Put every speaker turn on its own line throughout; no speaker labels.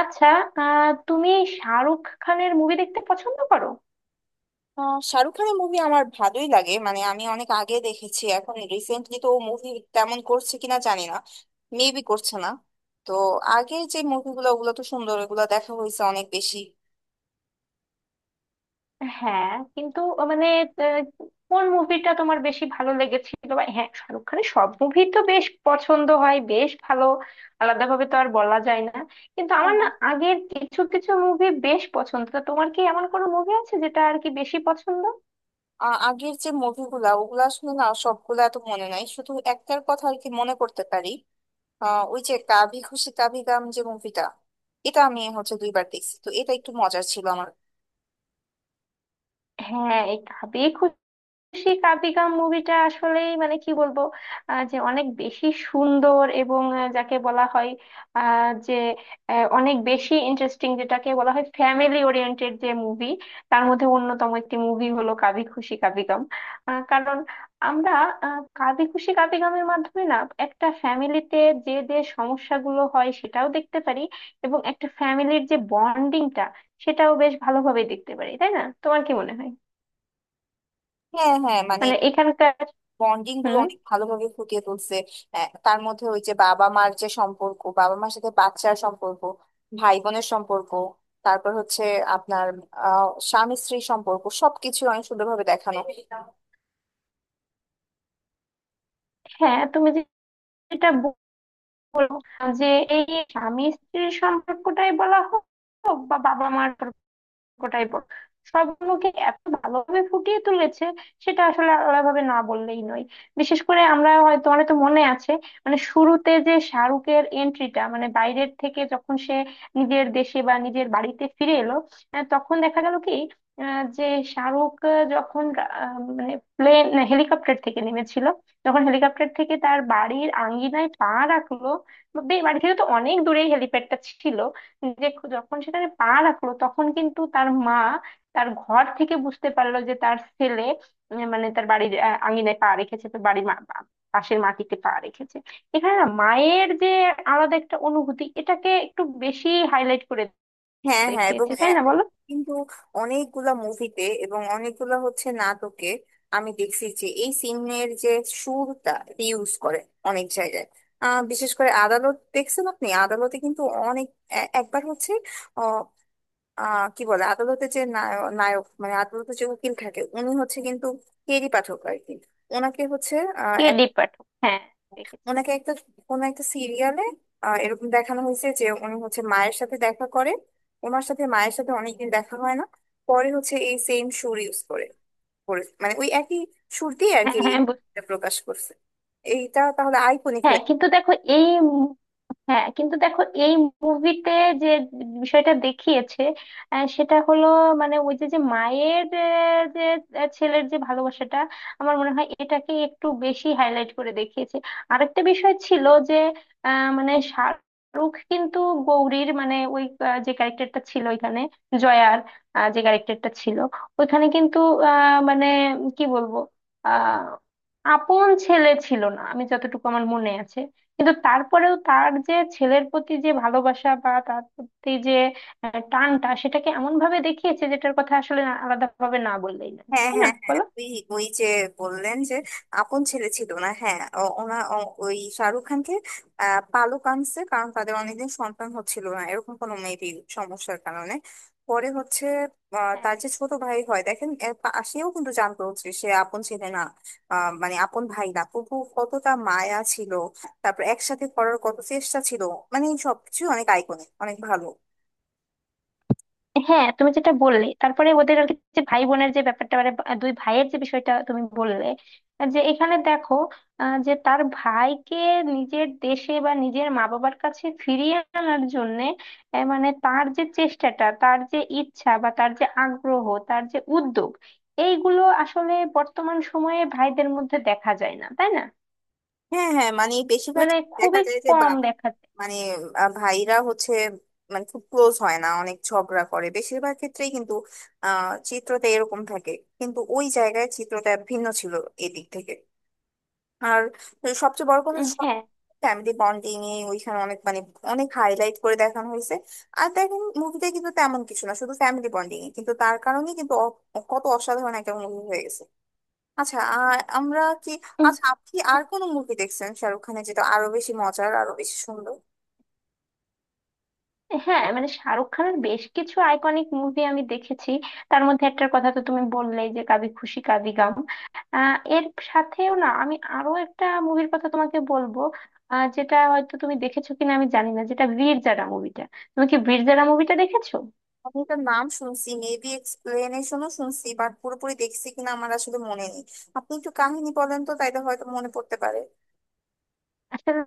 আচ্ছা। তুমি শাহরুখ খানের মুভি দেখতে পছন্দ করো?
শাহরুখ খানের মুভি আমার ভালোই লাগে। মানে আমি অনেক আগে দেখেছি, এখন রিসেন্টলি তো মুভি তেমন করছে কিনা জানি না, মেবি করছে না। তো আগের যে মুভিগুলো ওগুলো তো সুন্দর, ওগুলো দেখা হয়েছে অনেক বেশি।
হ্যাঁ, কিন্তু মানে আহ, কোন মুভিটা তোমার বেশি ভালো লেগেছিল? বা হ্যাঁ, শাহরুখ খানের সব মুভি তো বেশ পছন্দ হয়, বেশ ভালো। আলাদাভাবে তো আর বলা যায় না, কিন্তু আমার
হ্যাঁ।
না আগের কিছু কিছু মুভি বেশ পছন্দ। তা তোমার কি এমন কোনো মুভি আছে যেটা আর কি বেশি পছন্দ?
আগের যে মুভিগুলা ওগুলা আসলে না সবগুলা এত মনে নাই, শুধু একটার কথা আর কি মনে করতে পারি। ওই যে কাভি খুশি কাভি গাম, যে মুভিটা এটা আমি হচ্ছে দুইবার দেখছি, তো এটা একটু মজার ছিল আমার।
হ্যাঁ, এই কাবে সেই কাবিগাম মুভিটা আসলেই মানে কি বলবো, যে অনেক বেশি সুন্দর। এবং আহ, যাকে বলা হয় আহ, যে আহ, অনেক বেশি ইন্টারেস্টিং, যেটাকে বলা হয় ফ্যামিলি ওরিয়েন্টেড যে মুভি, তার মধ্যে অন্যতম একটি মুভি হলো কাবি খুশি কাবিগাম। কারণ আমরা কাবি খুশি কাবিগামের মাধ্যমে না একটা ফ্যামিলিতে যে যে সমস্যাগুলো হয় সেটাও দেখতে পারি, এবং একটা ফ্যামিলির যে বন্ডিংটা সেটাও বেশ ভালোভাবে দেখতে পারি। তাই না, তোমার কি মনে হয়?
হ্যাঁ, হ্যাঁ, মানে
মানে এখানকার
বন্ডিং গুলো
হুম।
অনেক ভালোভাবে ফুটিয়ে তুলছে। তার মধ্যে ওই যে বাবা মার যে সম্পর্ক, বাবা মার সাথে বাচ্চার সম্পর্ক, ভাই বোনের সম্পর্ক, তারপর হচ্ছে আপনার স্বামী স্ত্রীর সম্পর্ক, সবকিছু অনেক সুন্দরভাবে দেখানো।
হ্যাঁ, তুমি যে- যেটা বলো যে এই স্বামী স্ত্রীর সম্পর্কটাই বলা হোক বা বাবা মার গোটাই বল, সবগুলোকে এত ভালোভাবে ফুটিয়ে তুলেছে, সেটা আসলে আলাদাভাবে না বললেই নয়। বিশেষ করে আমরা হয়তো, তোমার তো মনে আছে, মানে শুরুতে যে শাহরুখের এন্ট্রিটা, মানে বাইরের থেকে যখন সে নিজের দেশে বা নিজের বাড়িতে ফিরে এলো, তখন দেখা গেল কি আহ, যে শাহরুখ আহ, যখন আহ, মানে প্লেন হেলিকপ্টার থেকে নেমেছিল, যখন হেলিকপ্টার থেকে তার বাড়ির আঙ্গিনায় পা রাখলো। বা বাড়ি থেকে তো অনেক দূরেই হেলিপ্যাডটা ছিল, যখন সেখানে পা রাখলো তখন কিন্তু তার মা তার ঘর থেকে বুঝতে পারলো যে তার ছেলে মানে তার বাড়ির আঙিনায় পা রেখেছে। তো বাড়ির পাশের মাটিতে পা রেখেছে, এখানে না মায়ের যে আলাদা একটা অনুভূতি, এটাকে একটু বেশি হাইলাইট করে
হ্যাঁ, হ্যাঁ, এবং
দেখিয়েছে। তাই না, বলো?
কিন্তু অনেকগুলা মুভিতে এবং অনেকগুলা হচ্ছে নাটকে আমি দেখছি যে এই সিনের যে সুরটা ইউজ করে অনেক জায়গায়। বিশেষ করে আদালত দেখছেন, আপনি আদালতে কিন্তু অনেক একবার হচ্ছে কি বলে, আদালতে যে নায়ক, মানে আদালতে যে উকিল থাকে উনি হচ্ছে কিন্তু কেরি পাঠক আর কি। ওনাকে হচ্ছে আহ,
কে
এক-
ডি পাঠক, হ্যাঁ দেখেছি।
ওনাকে একটা কোন একটা সিরিয়ালে এরকম দেখানো হয়েছে যে উনি হচ্ছে মায়ের সাথে দেখা করে, ওনার সাথে মায়ের সাথে অনেকদিন দেখা হয় না। পরে হচ্ছে এই সেম সুর ইউজ করে করে- মানে ওই একই সুর দিয়ে আর
হ্যাঁ
কি
হ্যাঁ বুঝ-
এইটা প্রকাশ করছে। এইটা তাহলে আইকনিক।
হ্যাঁ, কিন্তু দেখো এই হ্যাঁ কিন্তু দেখো এই মুভিতে যে বিষয়টা দেখিয়েছে সেটা হলো মানে ওই যে যে মায়ের ছেলের যে ভালোবাসাটা, আমার মনে হয় এটাকে একটু বেশি হাইলাইট করে দেখিয়েছে। আরেকটা বিষয় ছিল যে, মানে শাহরুখ কিন্তু গৌরীর, মানে ওই যে ক্যারেক্টারটা ছিল ওইখানে, জয়ার যে ক্যারেক্টারটা ছিল ওইখানে, কিন্তু মানে কি বলবো, আহ আপন ছেলে ছিল না, আমি যতটুকু আমার মনে আছে। কিন্তু তারপরেও তার যে ছেলের প্রতি যে ভালোবাসা বা তার প্রতি যে টানটা, সেটাকে এমন ভাবে দেখিয়েছে যেটার কথা আসলে আলাদাভাবে না বললেই না।
হ্যাঁ,
তাই না,
হ্যাঁ, হ্যাঁ,
বলো?
ওই ওই যে বললেন যে আপন ছেলে ছিল না, হ্যাঁ, ওই শাহরুখ খানকে পালক আনছে, কারণ তাদের অনেকদিন সন্তান হচ্ছিল না এরকম কোনো মেবি সমস্যার কারণে। পরে হচ্ছে তার যে ছোট ভাই হয় দেখেন সেও কিন্তু জানতো হচ্ছে সে আপন ছেলে না। মানে আপন ভাই না তবু কতটা মায়া ছিল, তারপর একসাথে করার কত চেষ্টা ছিল, মানে সবকিছু অনেক আইকনিক, অনেক ভালো।
হ্যাঁ, তুমি যেটা বললে, তারপরে ওদের আর কি যে ভাই বোনের যে ব্যাপারটা, মানে দুই ভাইয়ের যে বিষয়টা তুমি বললে, যে এখানে দেখো যে তার ভাইকে নিজের দেশে বা নিজের মা বাবার কাছে ফিরিয়ে আনার জন্য মানে তার যে চেষ্টাটা, তার যে ইচ্ছা বা তার যে আগ্রহ, তার যে উদ্যোগ, এইগুলো আসলে বর্তমান সময়ে ভাইদের মধ্যে দেখা যায় না, তাই না?
হ্যাঁ, হ্যাঁ, মানে বেশিরভাগ
মানে
দেখা
খুবই
যায় যে
কম
বাবা
দেখা যায়।
মানে ভাইরা হচ্ছে মানে খুব ক্লোজ হয় না, অনেক ঝগড়া করে বেশিরভাগ ক্ষেত্রেই। কিন্তু চিত্রতে এরকম থাকে, কিন্তু ওই জায়গায় চিত্রটা ভিন্ন ছিল এদিক থেকে। আর সবচেয়ে বড় কথা সব
হ্যাঁ,
ফ্যামিলি বন্ডিং এ ওইখানে অনেক মানে অনেক হাইলাইট করে দেখানো হয়েছে। আর দেখেন মুভিতে কিন্তু তেমন কিছু না, শুধু ফ্যামিলি বন্ডিং, কিন্তু তার কারণে কিন্তু কত অসাধারণ একটা মুভি হয়েছে। আচ্ছা আর আমরা কি আচ্ছা, আপনি আর কোন মুভি দেখছেন শাহরুখ খানের, যেটা আরো বেশি মজার, আরো বেশি সুন্দর?
হ্যাঁ মানে শাহরুখ খানের বেশ কিছু আইকনিক মুভি আমি দেখেছি। তার মধ্যে একটার কথা তো তুমি বললেই, যে কাবি খুশি কাবি গাম। এর সাথেও না আমি আরো একটা মুভির কথা তোমাকে বলবো, যেটা হয়তো তুমি দেখেছো কিনা আমি জানি না, যেটা বীর জারা মুভিটা। তুমি কি বীর জারা মুভিটা দেখেছো?
আমি এটার নাম শুনছি, মেবি এক্সপ্লেনেশনও শুনছি, বাট পুরোপুরি দেখছি কিনা আমার আসলে মনে নেই। আপনি একটু কাহিনী বলেন তো, তাইলে হয়তো মনে পড়তে পারে।
আসলে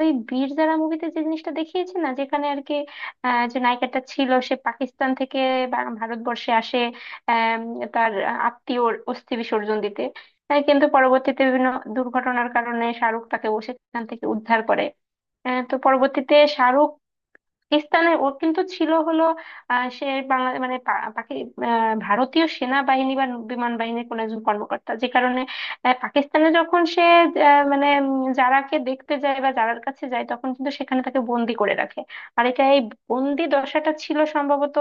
ওই বীর যারা মুভিতে যে জিনিসটা দেখিয়েছে না, যেখানে আর কি যে নায়িকাটা ছিল সে পাকিস্তান থেকে ভারতবর্ষে আসে আম, তার আত্মীয় অস্থি বিসর্জন দিতে। কিন্তু পরবর্তীতে বিভিন্ন দুর্ঘটনার কারণে শাহরুখ তাকে ও সেখান থেকে উদ্ধার করে। তো পরবর্তীতে শাহরুখ স্থানে ওর কিন্তু ছিল হলো সে বাংলা মানে ভারতীয় সেনাবাহিনী বা বিমান বাহিনীর কোন একজন কর্মকর্তা, যে কারণে পাকিস্তানে যখন সে যারাকে দেখতে যায় বা যারার কাছে যায়, তখন কিন্তু সেখানে তাকে বন্দি করে রাখে। আর এটা এই বন্দি দশাটা ছিল সম্ভবত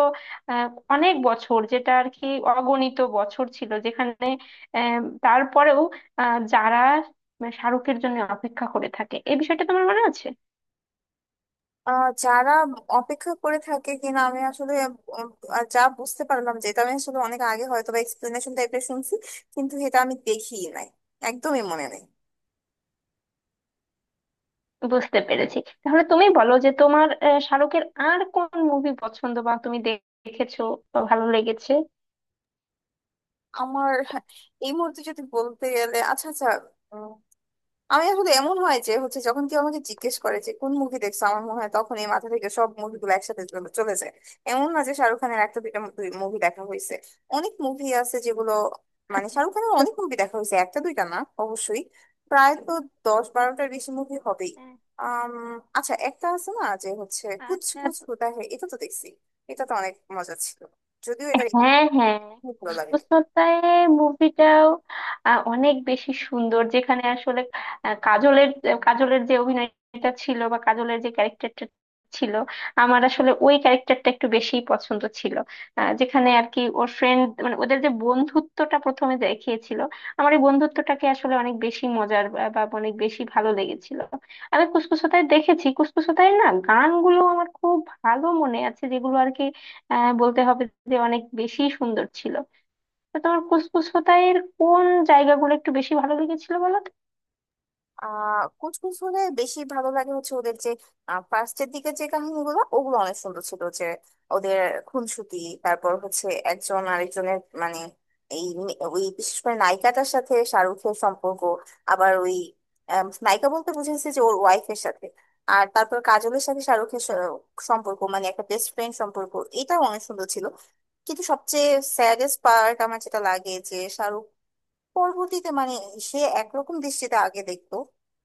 আহ, অনেক বছর, যেটা আর কি অগণিত বছর ছিল, যেখানে আহ, তারপরেও যারা মানে শাহরুখের জন্য অপেক্ষা করে থাকে। এই বিষয়টা তোমার মনে আছে?
যারা অপেক্ষা করে থাকে কিনা আমি আসলে উম, যা বুঝতে পারলাম, যেটা আমি আসলে অনেক আগে হয়তো বা এক্সপ্লেনেশন টাইপের শুনছি, কিন্তু এটা আমি দেখিই নাই, একদমই মনে নেই।
বুঝতে পেরেছি। তাহলে তুমি বলো যে তোমার শাহরুখের আর কোন মুভি পছন্দ বা তুমি দেখেছো বা ভালো লেগেছে?
আমার এই মুহূর্তে যদি বলতে গেলে, আচ্ছা আচ্ছা, আমি আসলে এমন হয় যে হচ্ছে যখন কেউ আমাকে জিজ্ঞেস করে যে কোন মুভি দেখছো, আমার মনে হয় তখন এই মাথা থেকে সব মুভিগুলো একসাথে চলে চলে যায়। এমন না যে শাহরুখ খানের একটা দুইটা মুভি দেখা হয়েছে, অনেক মুভি আছে যেগুলো, মানে
আচ্ছা
শাহরুখ খানের
তো,
অনেক মুভি দেখা হয়েছে, একটা দুইটা না। অবশ্যই প্রায় তো দশ বারোটার বেশি মুভি হবেই।
আহ,
আম, আচ্ছা একটা আছে না যে হচ্ছে কুছ
আচ্ছা।
কুছ হোতা হ্যায়, এটা তো দেখছি। এটা তো অনেক মজা ছিল, যদিও এটা
হ্যাঁ, হ্যাঁ
খুব ভালো লাগে।
ফুসফুস হত্যায় মুভিটাও অনেক বেশি সুন্দর, যেখানে আসলে আহ, কাজলের কাজলের যে অভিনয়টা ছিল বা কাজলের যে ক্যারেক্টারটা ছিল, আমার আসলে ওই ক্যারেক্টারটা একটু বেশি পছন্দ ছিল। যেখানে আর কি ওর ফ্রেন্ড মানে ওদের যে বন্ধুত্বটা প্রথমে দেখিয়েছিল, আমার এই বন্ধুত্বটাকে আসলে অনেক বেশি মজার বা বা অনেক বেশি ভালো লেগেছিল। আমি কুসকুস হোতায় দেখেছি, কুসকুস হোতায় না গানগুলো আমার খুব ভালো মনে আছে, যেগুলো আর কি বলতে হবে যে অনেক বেশি সুন্দর ছিল। তো তোমার কুসকুস হোতাইয়ের কোন জায়গাগুলো একটু বেশি ভালো লেগেছিল, বলো তো?
কুচকুচ হলে বেশি ভালো লাগে হচ্ছে ওদের যে ফার্স্টের দিকে যে কাহিনীগুলো, ওগুলো অনেক সুন্দর ছিল, যে ওদের খুনসুটি, তারপর হচ্ছে একজন আরেকজনের মানে ওই বিশেষ করে নায়িকাটার সাথে শাহরুখের সম্পর্ক, আবার ওই নায়িকা বলতে বুঝেছি যে ওর ওয়াইফের সাথে। আর তারপর কাজলের সাথে শাহরুখের সম্পর্ক, মানে একটা বেস্ট ফ্রেন্ড সম্পর্ক, এটাও অনেক সুন্দর ছিল। কিন্তু সবচেয়ে স্যাডেস্ট পার্ট আমার যেটা লাগে, যে শাহরুখ পরবর্তীতে মানে সে একরকম দৃষ্টিতে আগে দেখতো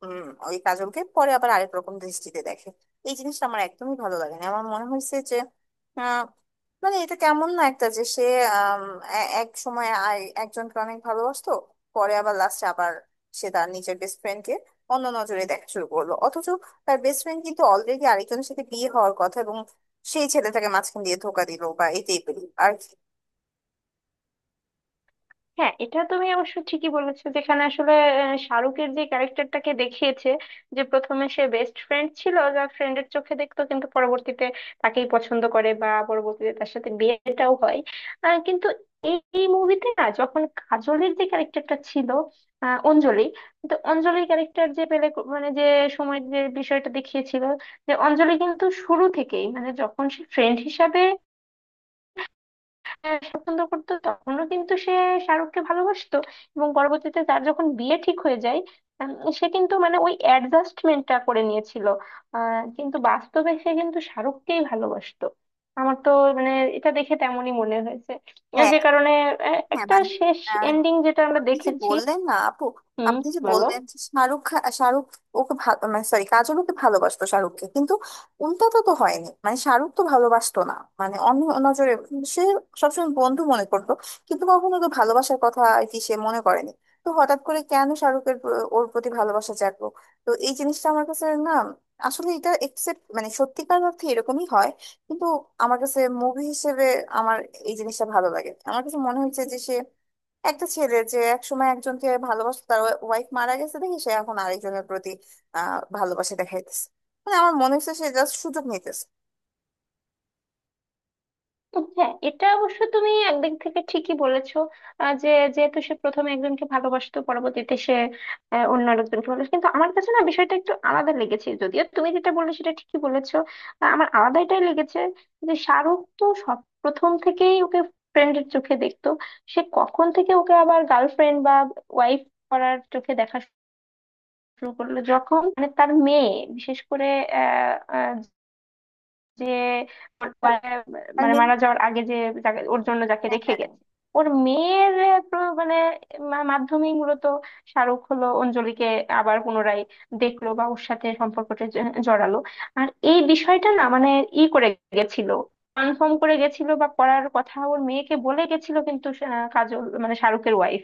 ওই কাজলকে, পরে আবার আরেক রকম দৃষ্টিতে দেখে। এই জিনিসটা আমার একদমই ভালো লাগে না, আমার মনে হয়েছে যে আহ, মানে এটা কেমন না একটা, যে সে আম, এক সময় একজনকে অনেক ভালোবাসতো, পরে আবার লাস্টে আবার সে তার নিজের বেস্ট ফ্রেন্ড কে অন্য নজরে দেখা শুরু করলো, অথচ তার বেস্ট ফ্রেন্ড কিন্তু অলরেডি আরেকজনের সাথে বিয়ে হওয়ার কথা, এবং সেই ছেলেটাকে মাঝখান দিয়ে ধোকা দিল বা এই টাইপের আর কি।
হ্যাঁ, এটা তুমি অবশ্য ঠিকই বলেছো, যেখানে আসলে শাহরুখের যে ক্যারেক্টারটাকে দেখিয়েছে, যে প্রথমে সে বেস্ট ফ্রেন্ড ছিল, যা ফ্রেন্ডের চোখে দেখতো কিন্তু পরবর্তীতে তাকেই পছন্দ করে বা পরবর্তীতে তার সাথে বিয়েটাও হয়। কিন্তু এই এই মুভিতে না যখন কাজলের যে ক্যারেক্টারটা ছিল, অঞ্জলি, তো অঞ্জলির ক্যারেক্টার যে পেলে মানে যে সময় যে বিষয়টা দেখিয়েছিল, যে অঞ্জলি কিন্তু শুরু থেকেই মানে যখন সে ফ্রেন্ড হিসাবে হ্যাঁ, পছন্দ করতো, তখনও কিন্তু সে শাহরুখকে ভালোবাসতো। এবং পরবর্তীতে তার যখন বিয়ে ঠিক হয়ে যায় উম, সে কিন্তু মানে ওই অ্যাডজাস্টমেন্টটা করে নিয়েছিল, কিন্তু বাস্তবে সে কিন্তু শাহরুখকেই ভালোবাসতো। আমার তো মানে এটা দেখে তেমনই মনে হয়েছে।
হ্যাঁ,
যে কারণে
হ্যাঁ,
একটা
মানে
শেষ এন্ডিং যেটা আমরা
আপনি যে
দেখেছি।
বললেন না আপু,
হুম,
আপনি যে
বলো।
বললেন যে শাহরুখ ওকে ভালো মানে সরি কাজল ওকে ভালোবাসতো শাহরুখকে, কিন্তু উল্টাটা তো হয়নি, মানে শাহরুখ তো ভালোবাসতো না, মানে অন্য নজরে সে সবসময় বন্ধু মনে করতো, কিন্তু কখনো তো ভালোবাসার কথা আর কি সে মনে করেনি। তো হঠাৎ করে কেন শাহরুখের ওর প্রতি ভালোবাসা জাগলো? তো এই জিনিসটা আমার কাছে না, আসলে এটা একসেপ্ট মানে সত্যিকার অর্থে এরকমই হয়, কিন্তু আমার কাছে মুভি হিসেবে আমার এই জিনিসটা ভালো লাগে। আমার কাছে মনে হয়েছে যে সে একটা ছেলে যে একসময় একজনকে ভালোবাসতো, তার ওয়াইফ মারা গেছে, দেখি সে এখন আরেকজনের প্রতি ভালোবাসা দেখাইতেছে, মানে আমার মনে হচ্ছে সে জাস্ট সুযোগ নিতেছে।
হ্যাঁ, এটা অবশ্য তুমি একদিক থেকে ঠিকই বলেছো যে যেহেতু সে প্রথমে একজনকে ভালোবাসতো, পরবর্তীতে সে অন্য আরেকজনকে ভালোবাসে। কিন্তু আমার কাছে না বিষয়টা একটু আলাদা লেগেছে, যদিও তুমি যেটা বললে সেটা ঠিকই বলেছো। আমার আলাদা এটাই লেগেছে যে শাহরুখ তো সব প্রথম থেকেই ওকে ফ্রেন্ডের চোখে দেখতো, সে কখন থেকে ওকে আবার গার্লফ্রেন্ড বা ওয়াইফ করার চোখে দেখা শুরু করলো, যখন মানে তার মেয়ে, বিশেষ করে যে ওর বা-
আর
মানে
মেন
মারা যাওয়ার আগে যে ওর জন্য যাকে রেখে গেছে, ওর মেয়ের মানে মাধ্যমেই মূলত শাহরুখ হলো অঞ্জলিকে আবার পুনরায় দেখলো বা ওর সাথে সম্পর্কটা জড়ালো। আর এই বিষয়টা না মানে ই করে গেছিল, কনফার্ম করে গেছিল বা করার কথা ওর মেয়েকে বলে গেছিল, কাজল মানে শাহরুখের ওয়াইফ,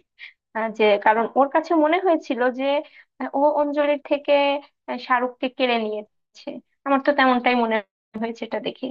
যে কারণ ওর কাছে মনে হয়েছিল যে ও অঞ্জলির থেকে শাহরুখকে কেড়ে নিয়েছে। আমার তো তেমনটাই মনে হয়েছে এটা দেখে।